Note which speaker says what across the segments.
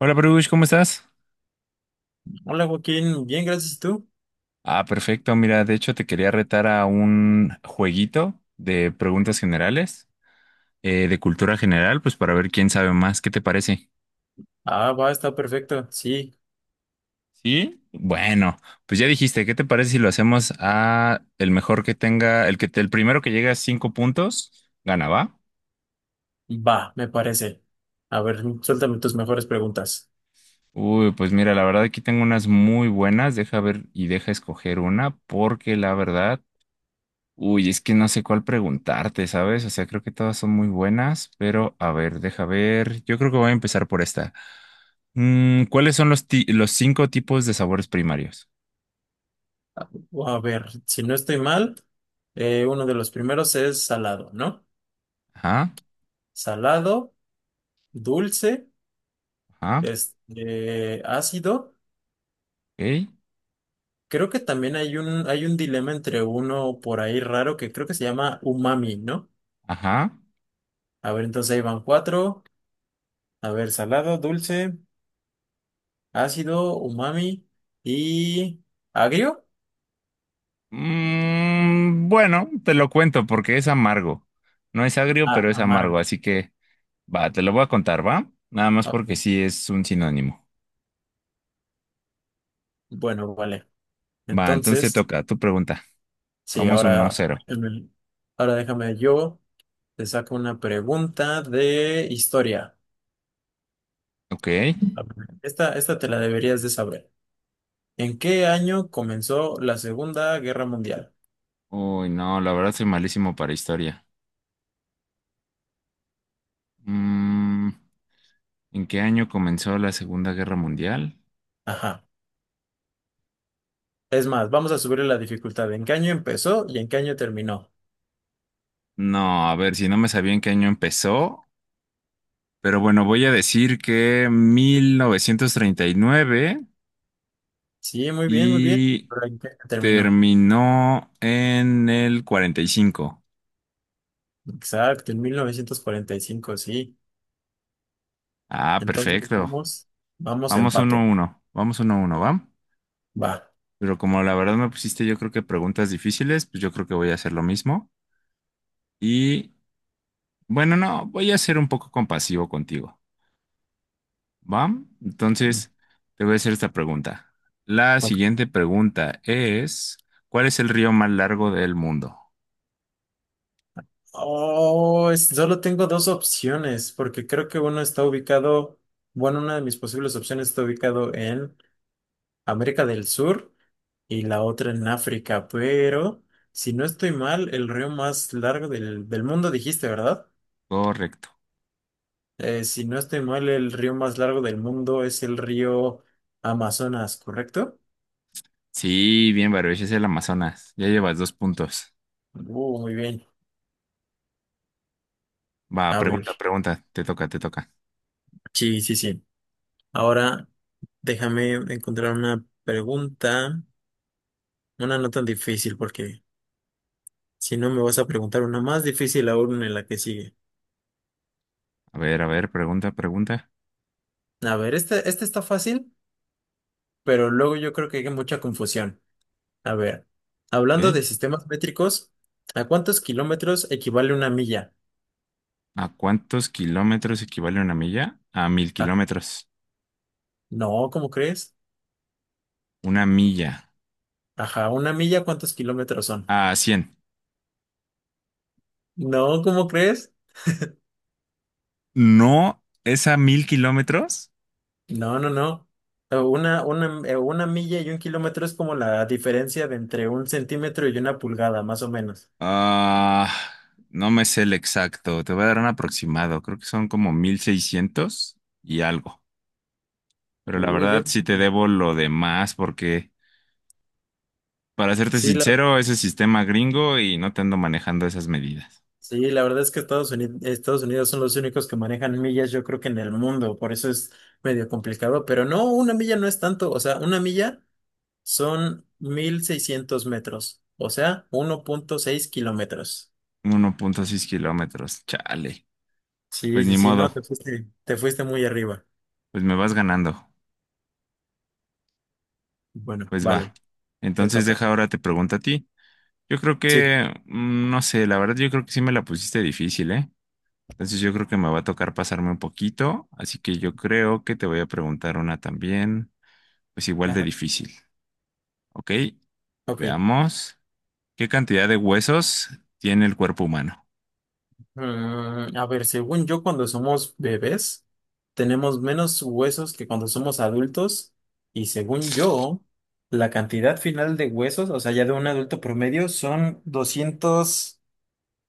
Speaker 1: Hola, Bruce, ¿cómo estás?
Speaker 2: Hola Joaquín, bien, gracias. ¿Y tú?
Speaker 1: Ah, perfecto. Mira, de hecho te quería retar a un jueguito de preguntas generales, de cultura general, pues para ver quién sabe más. ¿Qué te parece?
Speaker 2: Ah, va, está perfecto. Sí,
Speaker 1: Sí. Bueno, pues ya dijiste, ¿qué te parece si lo hacemos a el mejor que tenga, el primero que llegue a 5 puntos, gana, ¿va?
Speaker 2: va, me parece. A ver, suéltame tus mejores preguntas.
Speaker 1: Uy, pues mira, la verdad aquí tengo unas muy buenas. Deja ver y deja escoger una, porque la verdad. Uy, es que no sé cuál preguntarte, ¿sabes? O sea, creo que todas son muy buenas, pero a ver, deja ver. Yo creo que voy a empezar por esta. ¿Cuáles son los 5 tipos de sabores primarios?
Speaker 2: A ver, si no estoy mal, uno de los primeros es salado, ¿no?
Speaker 1: Ajá,
Speaker 2: Salado, dulce,
Speaker 1: ajá,
Speaker 2: ácido.
Speaker 1: ok,
Speaker 2: Creo que también hay un dilema entre uno por ahí raro que creo que se llama umami, ¿no?
Speaker 1: ajá.
Speaker 2: A ver, entonces ahí van cuatro. A ver, salado, dulce, ácido, umami y agrio.
Speaker 1: Bueno, te lo cuento porque es amargo. No es agrio,
Speaker 2: Ah,
Speaker 1: pero es amargo,
Speaker 2: amargo.
Speaker 1: así que va, te lo voy a contar, ¿va? Nada más
Speaker 2: Ah,
Speaker 1: porque sí es un sinónimo.
Speaker 2: bueno, vale.
Speaker 1: Va, entonces te
Speaker 2: Entonces,
Speaker 1: toca tu pregunta.
Speaker 2: sí,
Speaker 1: Vamos 1 cero.
Speaker 2: em, ahora déjame yo, te saco una pregunta de historia.
Speaker 1: Ok.
Speaker 2: A ver, esta te la deberías de saber. ¿En qué año comenzó la Segunda Guerra Mundial?
Speaker 1: Uy, no, la verdad soy malísimo para historia. Mm, ¿En qué año comenzó la Segunda Guerra Mundial?
Speaker 2: Ajá. Es más, vamos a subirle la dificultad. ¿En qué año empezó y en qué año terminó?
Speaker 1: No, a ver, si no me sabía en qué año empezó, pero bueno, voy a decir que 1939 y nueve
Speaker 2: Sí, muy bien, muy bien.
Speaker 1: y
Speaker 2: Pero ¿en qué año terminó?
Speaker 1: terminó en el 45.
Speaker 2: Exacto, en mil novecientos cuarenta y cinco, sí.
Speaker 1: Ah,
Speaker 2: Entonces,
Speaker 1: perfecto.
Speaker 2: vamos
Speaker 1: Vamos uno a
Speaker 2: empate.
Speaker 1: uno, vamos uno a uno, ¿va?
Speaker 2: Va.
Speaker 1: Pero como la verdad me pusiste yo creo que preguntas difíciles, pues yo creo que voy a hacer lo mismo. Y bueno, no, voy a ser un poco compasivo contigo. ¿Va? Entonces, te voy a hacer esta pregunta. La siguiente pregunta es, ¿cuál es el río más largo del mundo?
Speaker 2: Oh, solo tengo dos opciones, porque creo que uno está ubicado, bueno, una de mis posibles opciones está ubicado en América del Sur y la otra en África, pero si no estoy mal, el río más largo del mundo, dijiste, ¿verdad?
Speaker 1: Correcto.
Speaker 2: Si no estoy mal, el río más largo del mundo es el río Amazonas, ¿correcto?
Speaker 1: Sí, bien, Baruch, es el Amazonas. Ya llevas 2 puntos.
Speaker 2: Muy bien.
Speaker 1: Va,
Speaker 2: A
Speaker 1: pregunta,
Speaker 2: ver,
Speaker 1: pregunta. Te toca, te toca.
Speaker 2: sí, sí, sí. Ahora déjame encontrar una pregunta, una no tan difícil, porque si no, me vas a preguntar una más difícil aún en la que sigue.
Speaker 1: A ver, pregunta, pregunta.
Speaker 2: A ver, esta está fácil, pero luego yo creo que hay mucha confusión. A ver,
Speaker 1: Ok.
Speaker 2: hablando de sistemas métricos, ¿a cuántos kilómetros equivale una milla?
Speaker 1: ¿A cuántos kilómetros equivale una milla? A mil
Speaker 2: Ah,
Speaker 1: kilómetros.
Speaker 2: no, ¿cómo crees?
Speaker 1: Una milla.
Speaker 2: Ajá, una milla, ¿cuántos kilómetros son?
Speaker 1: A cien.
Speaker 2: No, ¿cómo crees?
Speaker 1: No, es a mil kilómetros.
Speaker 2: No, no, no. Una milla y un kilómetro es como la diferencia de entre un centímetro y una pulgada, más o menos.
Speaker 1: Ah, no me sé el exacto, te voy a dar un aproximado, creo que son como 1600 y algo, pero la
Speaker 2: Uy,
Speaker 1: verdad
Speaker 2: yo,
Speaker 1: sí te debo lo demás porque, para serte
Speaker 2: sí, la,
Speaker 1: sincero, ese sistema gringo y no te ando manejando esas medidas.
Speaker 2: sí, la verdad es que Estados Unidos son los únicos que manejan millas, yo creo que en el mundo, por eso es medio complicado, pero no, una milla no es tanto, o sea, una milla son 1600 metros, o sea, uno punto seis kilómetros.
Speaker 1: 1,6 kilómetros, chale, pues
Speaker 2: Sí,
Speaker 1: ni
Speaker 2: sí, sí, no,
Speaker 1: modo,
Speaker 2: te fuiste muy arriba.
Speaker 1: pues me vas ganando,
Speaker 2: Bueno,
Speaker 1: pues va.
Speaker 2: vale, te
Speaker 1: Entonces
Speaker 2: toca.
Speaker 1: deja ahora te pregunto a ti. Yo creo
Speaker 2: Sí,
Speaker 1: que, no sé, la verdad yo creo que sí me la pusiste difícil, ¿eh? Entonces yo creo que me va a tocar pasarme un poquito, así que yo creo que te voy a preguntar una también, pues igual de
Speaker 2: ajá,
Speaker 1: difícil, ¿ok?
Speaker 2: ok.
Speaker 1: Veamos, ¿qué cantidad de huesos tiene el cuerpo humano?
Speaker 2: A ver, según yo, cuando somos bebés, tenemos menos huesos que cuando somos adultos. Y según yo, la cantidad final de huesos, o sea, ya de un adulto promedio, son doscientos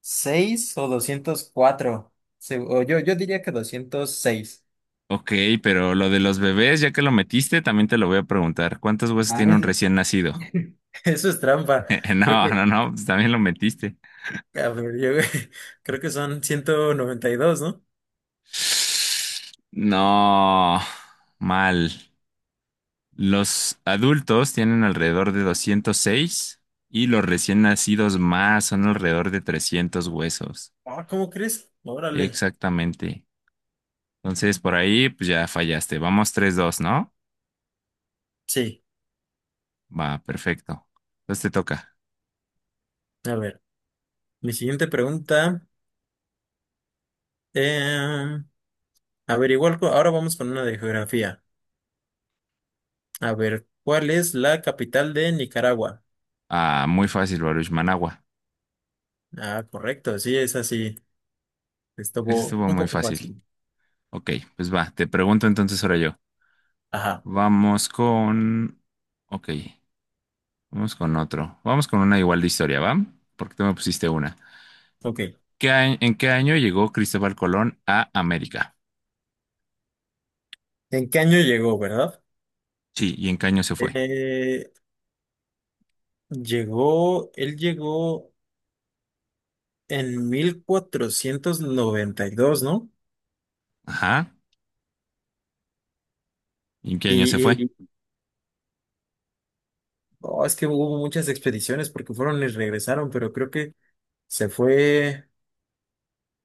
Speaker 2: seis o 204. O yo diría que 206.
Speaker 1: Ok, pero lo de los bebés, ya que lo metiste, también te lo voy a preguntar, ¿cuántos huesos
Speaker 2: Ah,
Speaker 1: tiene un recién nacido?
Speaker 2: eso es trampa. Creo
Speaker 1: No,
Speaker 2: que,
Speaker 1: no, no, pues también lo metiste.
Speaker 2: a ver, creo que son ciento noventa y dos, ¿no?
Speaker 1: No, mal. Los adultos tienen alrededor de 206 y los recién nacidos más son alrededor de 300 huesos.
Speaker 2: Ah, ¿cómo crees? Órale.
Speaker 1: Exactamente. Entonces, por ahí, pues ya fallaste. Vamos 3-2, ¿no?
Speaker 2: Sí.
Speaker 1: Va, perfecto. Entonces te toca.
Speaker 2: A ver, mi siguiente pregunta. eh, A ver, igual ahora vamos con una de geografía. A ver, ¿cuál es la capital de Nicaragua?
Speaker 1: Ah, muy fácil, Baruch. Managua.
Speaker 2: Ah, correcto, sí, es así.
Speaker 1: Eso
Speaker 2: Estuvo
Speaker 1: estuvo
Speaker 2: un
Speaker 1: muy
Speaker 2: poco
Speaker 1: fácil.
Speaker 2: fácil.
Speaker 1: Ok, pues va, te pregunto entonces ahora yo.
Speaker 2: Ajá,
Speaker 1: Vamos con... Ok, vamos con otro. Vamos con una igual de historia, ¿va? Porque tú me pusiste una.
Speaker 2: ok.
Speaker 1: ¿En qué año llegó Cristóbal Colón a América?
Speaker 2: ¿En qué año llegó, verdad?
Speaker 1: Sí, ¿y en qué año se fue?
Speaker 2: Eh, él llegó en 1492, ¿no?
Speaker 1: Ajá, ¿y en qué año se
Speaker 2: Y,
Speaker 1: fue?
Speaker 2: y- oh, es que hubo muchas expediciones porque fueron y regresaron, pero creo que se fue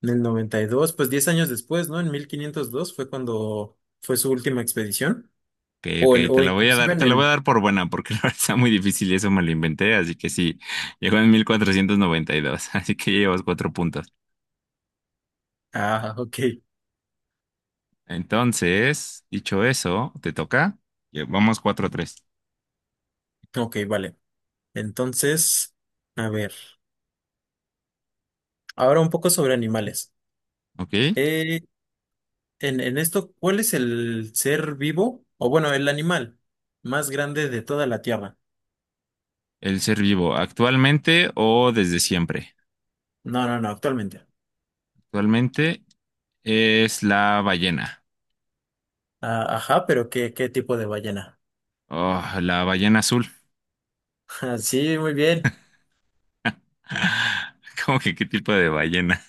Speaker 2: en el 92. Pues 10 años después, ¿no? En 1502 fue cuando fue su última expedición.
Speaker 1: Ok,
Speaker 2: O, en-
Speaker 1: ok, te
Speaker 2: o
Speaker 1: la voy a
Speaker 2: inclusive
Speaker 1: dar,
Speaker 2: en
Speaker 1: te la voy a
Speaker 2: el.
Speaker 1: dar por buena porque la verdad está muy difícil y eso me lo inventé, así que sí, llegó en 1492. así que llevas 4 puntos.
Speaker 2: Ah, ok.
Speaker 1: Entonces, dicho eso, ¿te toca? Ya, vamos 4 tres.
Speaker 2: Ok, vale. Entonces, a ver. Ahora un poco sobre animales.
Speaker 1: ¿Ok?
Speaker 2: Eh, en esto, ¿cuál es el ser vivo? O bueno, el animal más grande de toda la Tierra.
Speaker 1: El ser vivo, ¿actualmente o desde siempre?
Speaker 2: No, no, no, actualmente.
Speaker 1: Actualmente es la ballena.
Speaker 2: Ah, ajá, pero ¿qué tipo de ballena?
Speaker 1: Oh, la ballena azul.
Speaker 2: Ah, sí, muy bien.
Speaker 1: ¿Cómo que qué tipo de ballena?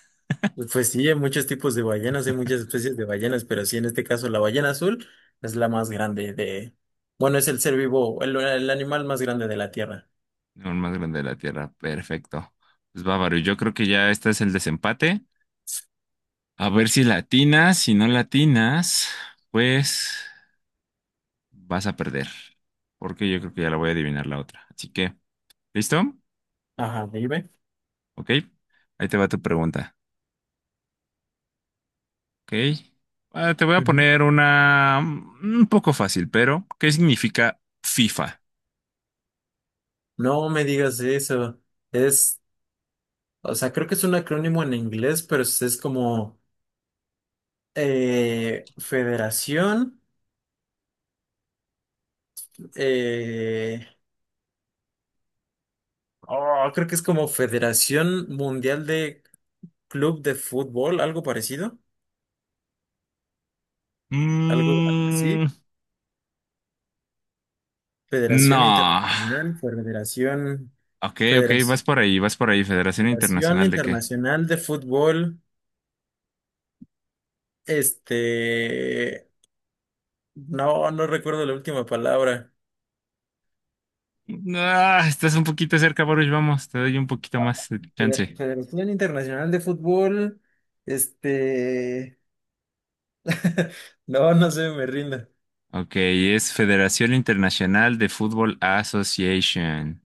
Speaker 2: Pues sí, hay muchos tipos de ballenas, hay muchas especies de ballenas, pero sí, en este caso la ballena azul es la más grande de. Bueno, es el ser vivo, el animal más grande de la Tierra.
Speaker 1: Aún más grande de la Tierra. Perfecto. Pues bávaro, yo creo que ya este es el desempate. A ver si latinas, si no latinas, pues vas a perder. Porque yo creo que ya la voy a adivinar la otra. Así que, ¿listo?
Speaker 2: Ajá, dime.
Speaker 1: Ok. Ahí te va tu pregunta. Ok. Ah, te voy a
Speaker 2: Ujú.
Speaker 1: poner una un poco fácil, pero ¿qué significa FIFA?
Speaker 2: No me digas eso. Es, o sea, creo que es un acrónimo en inglés, pero es como Federación. eh, oh, creo que es como Federación Mundial de Club de Fútbol, algo parecido, algo
Speaker 1: Mm,
Speaker 2: así. Federación
Speaker 1: no.
Speaker 2: Internacional, Federación,
Speaker 1: Ok, ok,
Speaker 2: Federación,
Speaker 1: vas por ahí, Federación
Speaker 2: Federación
Speaker 1: Internacional de qué.
Speaker 2: Internacional de Fútbol. Este, no, no recuerdo la última palabra.
Speaker 1: Ah, estás un poquito cerca, Baruch, vamos, te doy un poquito más de
Speaker 2: De la
Speaker 1: chance.
Speaker 2: Federación Internacional de Fútbol, este... No, no sé, me rindo.
Speaker 1: Ok, es Federación Internacional de Fútbol Association.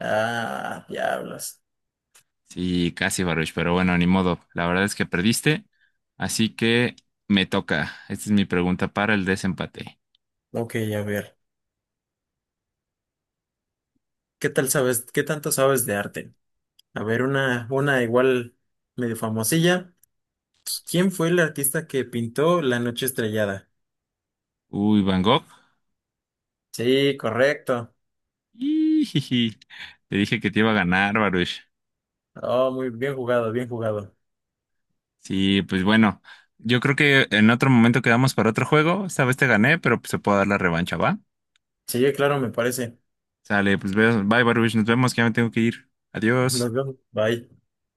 Speaker 2: Ah, diablos.
Speaker 1: Sí, casi, Baruch, pero bueno, ni modo. La verdad es que perdiste, así que me toca. Esta es mi pregunta para el desempate.
Speaker 2: Ok, a ver. ¿Qué tal sabes? ¿Qué tanto sabes de arte? A ver, una igual medio famosilla. ¿Quién fue el artista que pintó La Noche Estrellada?
Speaker 1: Uy, Van Gogh.
Speaker 2: Sí, correcto.
Speaker 1: Ijiji, te dije que te iba a ganar, Baruch.
Speaker 2: Oh, muy bien jugado, bien jugado.
Speaker 1: Sí, pues bueno, yo creo que en otro momento quedamos para otro juego. Esta vez te gané, pero pues, se puede dar la revancha, ¿va?
Speaker 2: Sí, claro, me parece.
Speaker 1: Sale, pues bye, Baruch, nos vemos, que ya me tengo que ir. Adiós.
Speaker 2: Nos vemos. Bye.